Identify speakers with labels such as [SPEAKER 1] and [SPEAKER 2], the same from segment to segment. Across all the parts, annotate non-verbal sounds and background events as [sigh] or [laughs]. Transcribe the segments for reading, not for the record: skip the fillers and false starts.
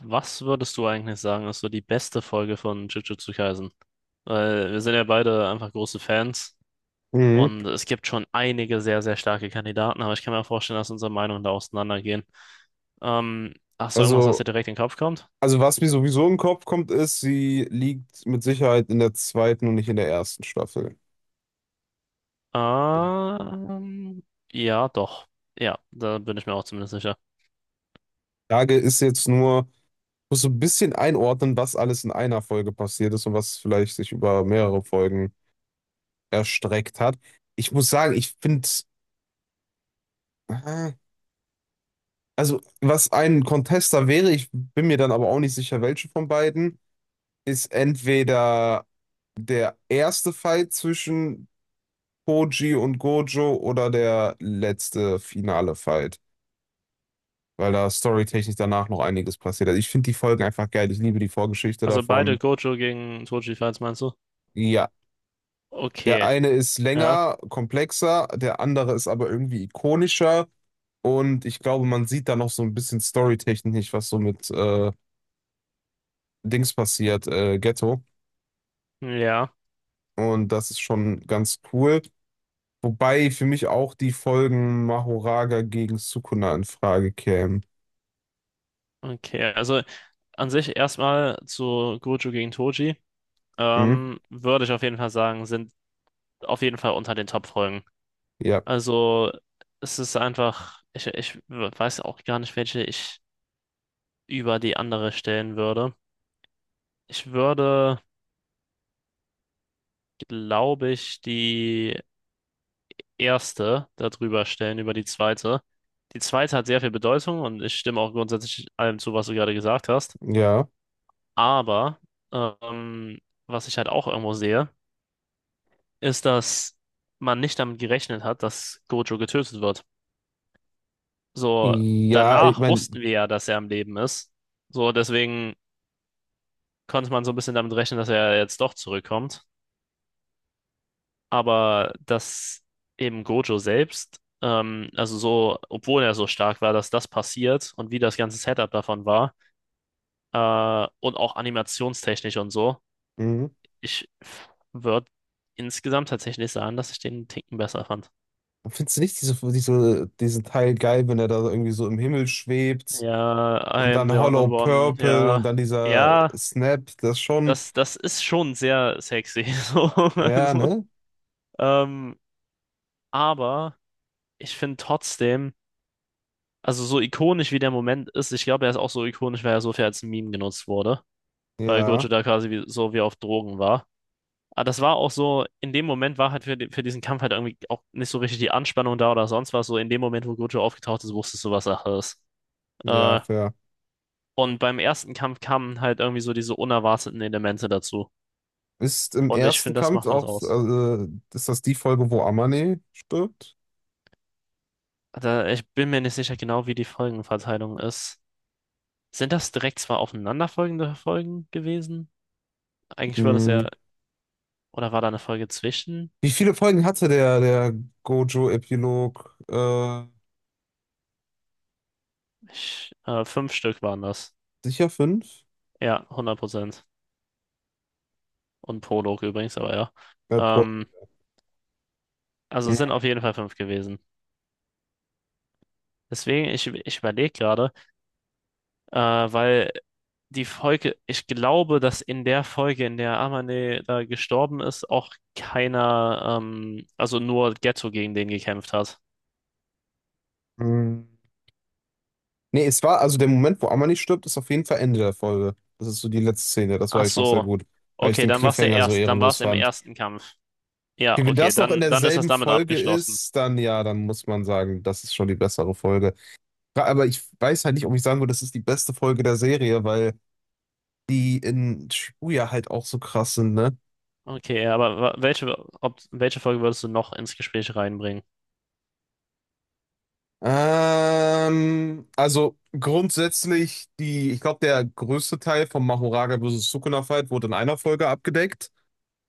[SPEAKER 1] Was würdest du eigentlich sagen, ist so die beste Folge von Jujutsu Kaisen? Weil wir sind ja beide einfach große Fans
[SPEAKER 2] Mhm.
[SPEAKER 1] und es gibt schon einige sehr, sehr starke Kandidaten, aber ich kann mir vorstellen, dass unsere Meinungen da auseinandergehen. Ähm, Hast du irgendwas, was dir
[SPEAKER 2] Also,
[SPEAKER 1] direkt in den Kopf kommt?
[SPEAKER 2] also was mir sowieso im Kopf kommt, ist, sie liegt mit Sicherheit in der zweiten und nicht in der ersten Staffel.
[SPEAKER 1] Ähm, ja, doch. Ja, da bin ich mir auch zumindest sicher.
[SPEAKER 2] Frage ist jetzt nur, ich muss so ein bisschen einordnen, was alles in einer Folge passiert ist und was vielleicht sich über mehrere Folgen erstreckt hat. Ich muss sagen, ich finde, also was ein Contester wäre, ich bin mir dann aber auch nicht sicher, welche von beiden, ist entweder der erste Fight zwischen Koji und Gojo oder der letzte finale Fight, weil da storytechnisch danach noch einiges passiert. Also ich finde die Folgen einfach geil. Ich liebe die Vorgeschichte
[SPEAKER 1] Also beide
[SPEAKER 2] davon.
[SPEAKER 1] Gojo gegen Toji, falls meinst du?
[SPEAKER 2] Ja, der
[SPEAKER 1] Okay,
[SPEAKER 2] eine ist
[SPEAKER 1] ja,
[SPEAKER 2] länger, komplexer, der andere ist aber irgendwie ikonischer. Und ich glaube, man sieht da noch so ein bisschen storytechnisch, was so mit Dings passiert, Ghetto.
[SPEAKER 1] ja,
[SPEAKER 2] Und das ist schon ganz cool. Wobei für mich auch die Folgen Mahoraga gegen Sukuna in Frage kämen.
[SPEAKER 1] okay. Also an sich erstmal zu Gojo gegen Toji.
[SPEAKER 2] Hm?
[SPEAKER 1] Würde ich auf jeden Fall sagen, sind auf jeden Fall unter den Top-Folgen.
[SPEAKER 2] Ja,
[SPEAKER 1] Also es ist einfach, ich weiß auch gar nicht, welche ich über die andere stellen würde. Ich würde, glaube ich, die erste darüber stellen, über die zweite. Die zweite hat sehr viel Bedeutung und ich stimme auch grundsätzlich allem zu, was du gerade gesagt hast.
[SPEAKER 2] ja.
[SPEAKER 1] Aber ähm, was ich halt auch irgendwo sehe, ist, dass man nicht damit gerechnet hat, dass Gojo getötet wird. So,
[SPEAKER 2] Ja, ich
[SPEAKER 1] danach
[SPEAKER 2] meine,
[SPEAKER 1] wussten wir ja, dass er am Leben ist. So, deswegen konnte man so ein bisschen damit rechnen, dass er jetzt doch zurückkommt. Aber dass eben Gojo selbst, also so, obwohl er so stark war, dass das passiert und wie das ganze Setup davon war, und auch animationstechnisch und so, ich würde insgesamt tatsächlich sagen, dass ich den einen Ticken besser fand.
[SPEAKER 2] findest du nicht diesen Teil geil, wenn er da irgendwie so im Himmel schwebt
[SPEAKER 1] Ja, I
[SPEAKER 2] und
[SPEAKER 1] am the
[SPEAKER 2] dann
[SPEAKER 1] Honored
[SPEAKER 2] Hollow
[SPEAKER 1] One,
[SPEAKER 2] Purple und
[SPEAKER 1] ja.
[SPEAKER 2] dann dieser
[SPEAKER 1] Ja,
[SPEAKER 2] Snap, das schon,
[SPEAKER 1] das, das ist schon sehr sexy. [laughs] So,
[SPEAKER 2] ja,
[SPEAKER 1] also.
[SPEAKER 2] ne?
[SPEAKER 1] Ähm, aber ich finde trotzdem, also so ikonisch wie der Moment ist, ich glaube, er ist auch so ikonisch, weil er so viel als Meme genutzt wurde, weil Gojo
[SPEAKER 2] Ja,
[SPEAKER 1] da quasi wie, so wie auf Drogen war. Aber das war auch so, in dem Moment war halt für, für diesen Kampf halt irgendwie auch nicht so richtig die Anspannung da oder sonst was. So in dem Moment, wo Gojo aufgetaucht ist, wusstest du, was Sache ist.
[SPEAKER 2] ja,
[SPEAKER 1] Äh,
[SPEAKER 2] fair.
[SPEAKER 1] und beim ersten Kampf kamen halt irgendwie so diese unerwarteten Elemente dazu.
[SPEAKER 2] Ist im
[SPEAKER 1] Und ich
[SPEAKER 2] ersten
[SPEAKER 1] finde, das
[SPEAKER 2] Kampf
[SPEAKER 1] macht was
[SPEAKER 2] auch, so,
[SPEAKER 1] aus.
[SPEAKER 2] also, ist das die Folge, wo Amane stirbt?
[SPEAKER 1] Da, ich bin mir nicht sicher genau, wie die Folgenverteilung ist. Sind das direkt zwar aufeinanderfolgende Folgen gewesen? Eigentlich würde es
[SPEAKER 2] Mhm.
[SPEAKER 1] ja, oder war da eine Folge zwischen?
[SPEAKER 2] Wie viele Folgen hatte der Gojo-Epilog?
[SPEAKER 1] Ich, fünf Stück waren das.
[SPEAKER 2] Sicher fünf?
[SPEAKER 1] Ja, 100%. Und Prolog übrigens, aber ja.
[SPEAKER 2] Pro.
[SPEAKER 1] Ähm, also es sind auf jeden Fall fünf gewesen. Deswegen, ich überlege gerade, weil die Folge, ich glaube, dass in der Folge, in der Amane da gestorben ist, auch keiner, also nur Geto gegen den gekämpft hat.
[SPEAKER 2] Mhm. Nee, es war, also der Moment, wo Amani stirbt, ist auf jeden Fall Ende der Folge. Das ist so die letzte Szene, das war
[SPEAKER 1] Ach
[SPEAKER 2] ich noch sehr
[SPEAKER 1] so,
[SPEAKER 2] gut, weil ich
[SPEAKER 1] okay,
[SPEAKER 2] den
[SPEAKER 1] dann war es der
[SPEAKER 2] Cliffhanger so
[SPEAKER 1] erste, dann war
[SPEAKER 2] ehrenlos
[SPEAKER 1] es im
[SPEAKER 2] fand.
[SPEAKER 1] ersten Kampf. Ja,
[SPEAKER 2] Okay, wenn
[SPEAKER 1] okay,
[SPEAKER 2] das noch in
[SPEAKER 1] dann ist das
[SPEAKER 2] derselben
[SPEAKER 1] damit
[SPEAKER 2] Folge
[SPEAKER 1] abgeschlossen.
[SPEAKER 2] ist, dann ja, dann muss man sagen, das ist schon die bessere Folge. Ja, aber ich weiß halt nicht, ob ich sagen würde, das ist die beste Folge der Serie, weil die in Shibuya halt auch so krass sind, ne?
[SPEAKER 1] Okay, aber ob, welche Folge würdest du noch ins Gespräch reinbringen?
[SPEAKER 2] Also grundsätzlich die, ich glaube, der größte Teil vom Mahoraga versus Sukuna Fight wurde in einer Folge abgedeckt.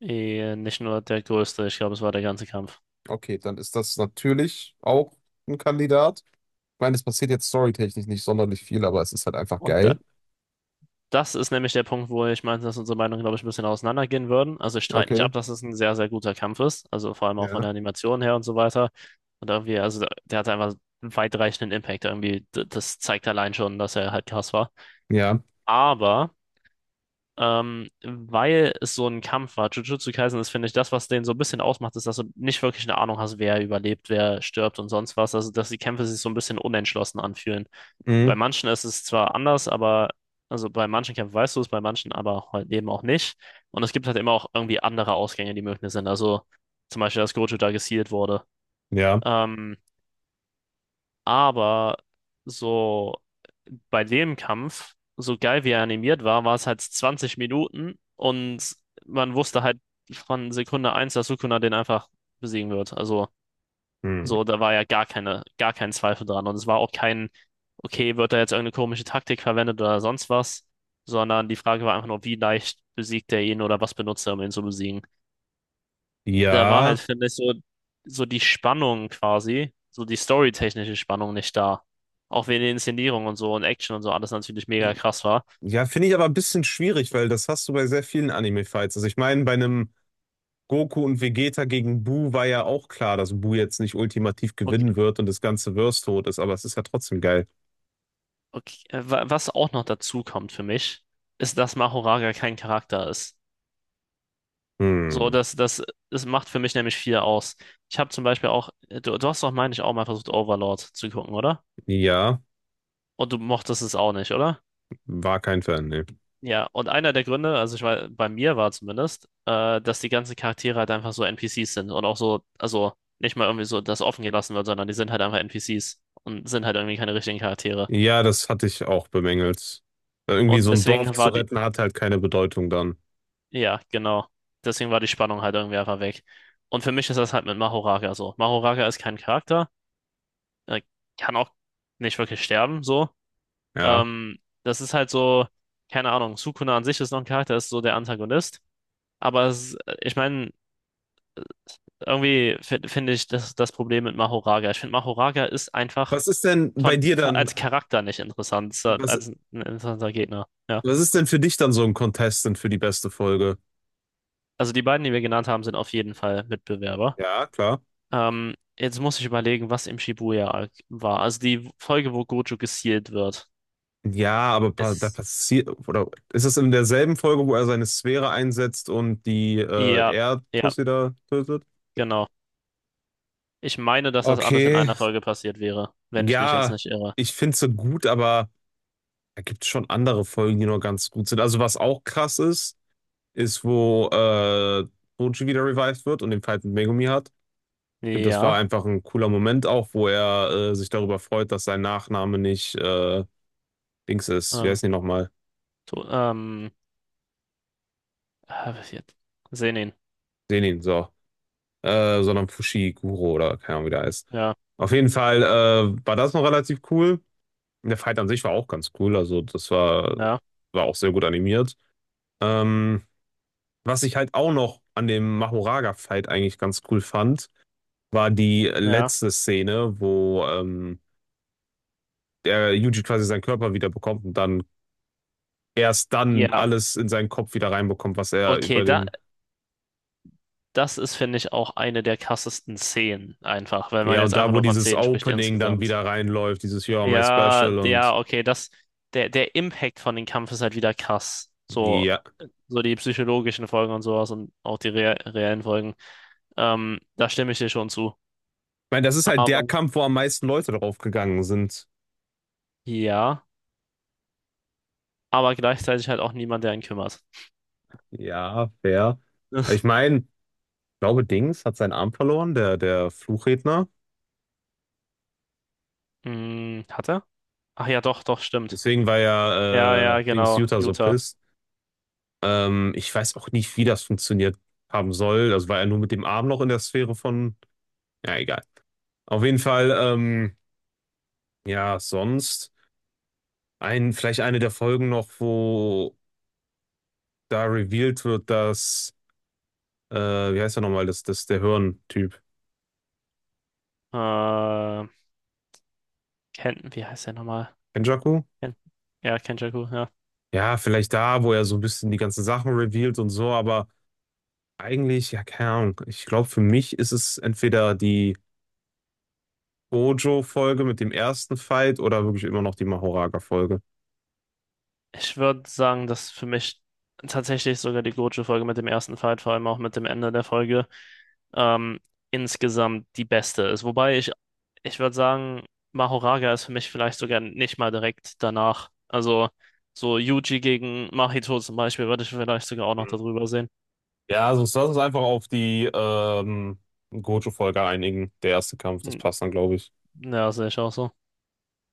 [SPEAKER 1] Eh, nicht nur der größte, ich glaube, es war der ganze Kampf.
[SPEAKER 2] Okay, dann ist das natürlich auch ein Kandidat. Ich meine, es passiert jetzt storytechnisch nicht sonderlich viel, aber es ist halt einfach
[SPEAKER 1] Und da,
[SPEAKER 2] geil.
[SPEAKER 1] das ist nämlich der Punkt, wo ich meinte, dass unsere Meinungen, glaube ich, ein bisschen auseinandergehen würden. Also ich streite nicht
[SPEAKER 2] Okay.
[SPEAKER 1] ab, dass es ein sehr, sehr guter Kampf ist. Also vor allem auch von
[SPEAKER 2] Ja.
[SPEAKER 1] der Animation her und so weiter. Und irgendwie, also der, der hat einfach einen weitreichenden Impact irgendwie. Das zeigt allein schon, dass er halt krass war.
[SPEAKER 2] Ja,
[SPEAKER 1] Aber. Weil es so ein Kampf war. Jujutsu Kaisen ist, finde ich, das, was den so ein bisschen ausmacht, ist, dass du nicht wirklich eine Ahnung hast, wer überlebt, wer stirbt und sonst was. Also, dass die Kämpfe sich so ein bisschen unentschlossen anfühlen.
[SPEAKER 2] mm,
[SPEAKER 1] Bei manchen ist es zwar anders, aber, also bei manchen Kämpfen weißt du es, bei manchen aber halt eben auch nicht. Und es gibt halt immer auch irgendwie andere Ausgänge, die möglich sind. Also, zum Beispiel, dass Gojo da gesealt wurde.
[SPEAKER 2] ja,
[SPEAKER 1] Ähm, aber so bei dem Kampf, so geil wie er animiert war, war es halt 20 Minuten und man wusste halt von Sekunde eins, dass Sukuna den einfach besiegen wird. Also, so,
[SPEAKER 2] mm.
[SPEAKER 1] da war ja gar keine, gar kein Zweifel dran. Und es war auch kein, okay, wird da jetzt irgendeine komische Taktik verwendet oder sonst was, sondern die Frage war einfach nur, wie leicht besiegt er ihn oder was benutzt er, um ihn zu besiegen. Da war halt,
[SPEAKER 2] Ja,
[SPEAKER 1] finde ich, so, so die Spannung quasi, so die storytechnische Spannung nicht da. Auch wenn die Inszenierung und so und Action und so alles natürlich mega krass war.
[SPEAKER 2] ja, finde ich aber ein bisschen schwierig, weil das hast du bei sehr vielen Anime-Fights. Also ich meine, bei einem Goku und Vegeta gegen Buu war ja auch klar, dass Buu jetzt nicht ultimativ
[SPEAKER 1] Okay,
[SPEAKER 2] gewinnen wird und das ganze Verse tot ist, aber es ist ja trotzdem geil.
[SPEAKER 1] okay. Was auch noch dazu kommt für mich, ist, dass Mahoraga kein Charakter ist. So,
[SPEAKER 2] Hm,
[SPEAKER 1] das macht für mich nämlich viel aus. Ich habe zum Beispiel auch, du hast doch, meine ich, auch mal versucht, Overlord zu gucken, oder?
[SPEAKER 2] ja,
[SPEAKER 1] Und du mochtest es auch nicht, oder?
[SPEAKER 2] war kein Fan, nee.
[SPEAKER 1] Ja, und einer der Gründe, also ich war, bei mir war zumindest, dass die ganzen Charaktere halt einfach so NPCs sind und auch so, also nicht mal irgendwie so, dass offen gelassen wird, sondern die sind halt einfach NPCs und sind halt irgendwie keine richtigen Charaktere.
[SPEAKER 2] Ja, das hatte ich auch bemängelt. Irgendwie so
[SPEAKER 1] Und
[SPEAKER 2] ein Dorf
[SPEAKER 1] deswegen
[SPEAKER 2] zu
[SPEAKER 1] war.
[SPEAKER 2] retten hat halt keine Bedeutung dann.
[SPEAKER 1] Ja, genau. Deswegen war die Spannung halt irgendwie einfach weg. Und für mich ist das halt mit Mahoraga so. Mahoraga ist kein Charakter. Er kann auch nicht wirklich sterben, so.
[SPEAKER 2] Ja.
[SPEAKER 1] Das ist halt so, keine Ahnung, Sukuna an sich ist noch ein Charakter, ist so der Antagonist. Aber es, ich meine, irgendwie finde ich das, das Problem mit Mahoraga. Ich finde, Mahoraga ist einfach
[SPEAKER 2] Was ist denn bei dir dann,
[SPEAKER 1] als Charakter nicht interessant, so
[SPEAKER 2] was,
[SPEAKER 1] als ein interessanter Gegner. Ja.
[SPEAKER 2] was ist denn für dich dann so ein Contestant für die beste Folge?
[SPEAKER 1] Also die beiden, die wir genannt haben, sind auf jeden Fall Mitbewerber.
[SPEAKER 2] Ja, klar.
[SPEAKER 1] Jetzt muss ich überlegen, was im Shibuya-Arc war. Also die Folge, wo Gojo gestealt wird.
[SPEAKER 2] Ja, aber da
[SPEAKER 1] Ist,
[SPEAKER 2] passiert, oder ist es in derselben Folge, wo er seine Sphäre einsetzt und die
[SPEAKER 1] ja, ja,
[SPEAKER 2] Erdtussi da tötet?
[SPEAKER 1] genau. Ich meine, dass das alles in
[SPEAKER 2] Okay,
[SPEAKER 1] einer Folge passiert wäre, wenn ich mich jetzt
[SPEAKER 2] ja,
[SPEAKER 1] nicht irre.
[SPEAKER 2] ich finde sie gut, aber da gibt es schon andere Folgen, die noch ganz gut sind. Also was auch krass ist, ist, wo Boji wieder revived wird und den Fight mit Megumi hat. Ich finde, das war
[SPEAKER 1] Ja,
[SPEAKER 2] einfach ein cooler Moment auch, wo er sich darüber freut, dass sein Nachname nicht Dings ist. Wie
[SPEAKER 1] äh,
[SPEAKER 2] heißt die nochmal?
[SPEAKER 1] to, ähm, was jetzt? Senin.
[SPEAKER 2] Senin, so. Sondern Fushiguro oder keine Ahnung, wie der heißt.
[SPEAKER 1] Ja,
[SPEAKER 2] Auf jeden Fall war das noch relativ cool. Der Fight an sich war auch ganz cool. Also, das war,
[SPEAKER 1] ja,
[SPEAKER 2] war auch sehr gut animiert. Ähm, was ich halt auch noch an dem Mahoraga-Fight eigentlich ganz cool fand, war die
[SPEAKER 1] ja.
[SPEAKER 2] letzte Szene, wo der Yuji quasi seinen Körper wieder bekommt und dann erst dann
[SPEAKER 1] Ja,
[SPEAKER 2] alles in seinen Kopf wieder reinbekommt, was er
[SPEAKER 1] okay,
[SPEAKER 2] über
[SPEAKER 1] da,
[SPEAKER 2] den,
[SPEAKER 1] das ist, finde ich, auch eine der krassesten Szenen einfach, wenn man
[SPEAKER 2] ja,
[SPEAKER 1] jetzt
[SPEAKER 2] und da,
[SPEAKER 1] einfach
[SPEAKER 2] wo
[SPEAKER 1] nur von
[SPEAKER 2] dieses
[SPEAKER 1] Szenen spricht
[SPEAKER 2] Opening dann
[SPEAKER 1] insgesamt.
[SPEAKER 2] wieder reinläuft, dieses You're my
[SPEAKER 1] Ja,
[SPEAKER 2] special und
[SPEAKER 1] ja, okay, das, der, der Impact von dem Kampf ist halt wieder krass. So,
[SPEAKER 2] ja. Ich
[SPEAKER 1] so die psychologischen Folgen und sowas und auch die reellen Folgen. Da stimme ich dir schon zu.
[SPEAKER 2] meine, das ist halt der
[SPEAKER 1] Aber,
[SPEAKER 2] Kampf, wo am meisten Leute drauf gegangen sind.
[SPEAKER 1] ja, aber gleichzeitig halt auch niemand, der ihn kümmert.
[SPEAKER 2] Ja, fair.
[SPEAKER 1] [laughs] Das.
[SPEAKER 2] Ich meine, ich glaube, Dings hat seinen Arm verloren, der Fluchredner.
[SPEAKER 1] Hm, hat er? Ach ja, doch, doch, stimmt.
[SPEAKER 2] Deswegen war
[SPEAKER 1] Ja,
[SPEAKER 2] ja
[SPEAKER 1] ja,
[SPEAKER 2] Dings
[SPEAKER 1] genau,
[SPEAKER 2] Jutta so
[SPEAKER 1] Utah.
[SPEAKER 2] pisst. Ich weiß auch nicht, wie das funktioniert haben soll. Also war er nur mit dem Arm noch in der Sphäre von ja, egal. Auf jeden Fall, ja, sonst ein, vielleicht eine der Folgen noch, wo da revealed wird, dass, wie heißt er nochmal, das ist der Hirn-Typ.
[SPEAKER 1] Äh, wie heißt der nochmal?
[SPEAKER 2] Kenjaku?
[SPEAKER 1] Ken, ja, Kenjaku, ja.
[SPEAKER 2] Ja, vielleicht da, wo er so ein bisschen die ganzen Sachen revealed und so, aber eigentlich, ja, keine Ahnung. Ich glaube, für mich ist es entweder die Gojo-Folge mit dem ersten Fight oder wirklich immer noch die Mahoraga-Folge.
[SPEAKER 1] Ich würde sagen, dass für mich tatsächlich sogar die Gojo-Folge mit dem ersten Fight, vor allem auch mit dem Ende der Folge, ähm, insgesamt die beste ist. Wobei ich, ich würde sagen, Mahoraga ist für mich vielleicht sogar nicht mal direkt danach. Also so Yuji gegen Mahito zum Beispiel würde ich vielleicht sogar auch noch darüber sehen.
[SPEAKER 2] Ja, also sonst lass uns einfach auf die Gojo-Folge einigen. Der erste Kampf, das
[SPEAKER 1] Hm.
[SPEAKER 2] passt dann, glaube ich.
[SPEAKER 1] Ja, sehe ich auch so.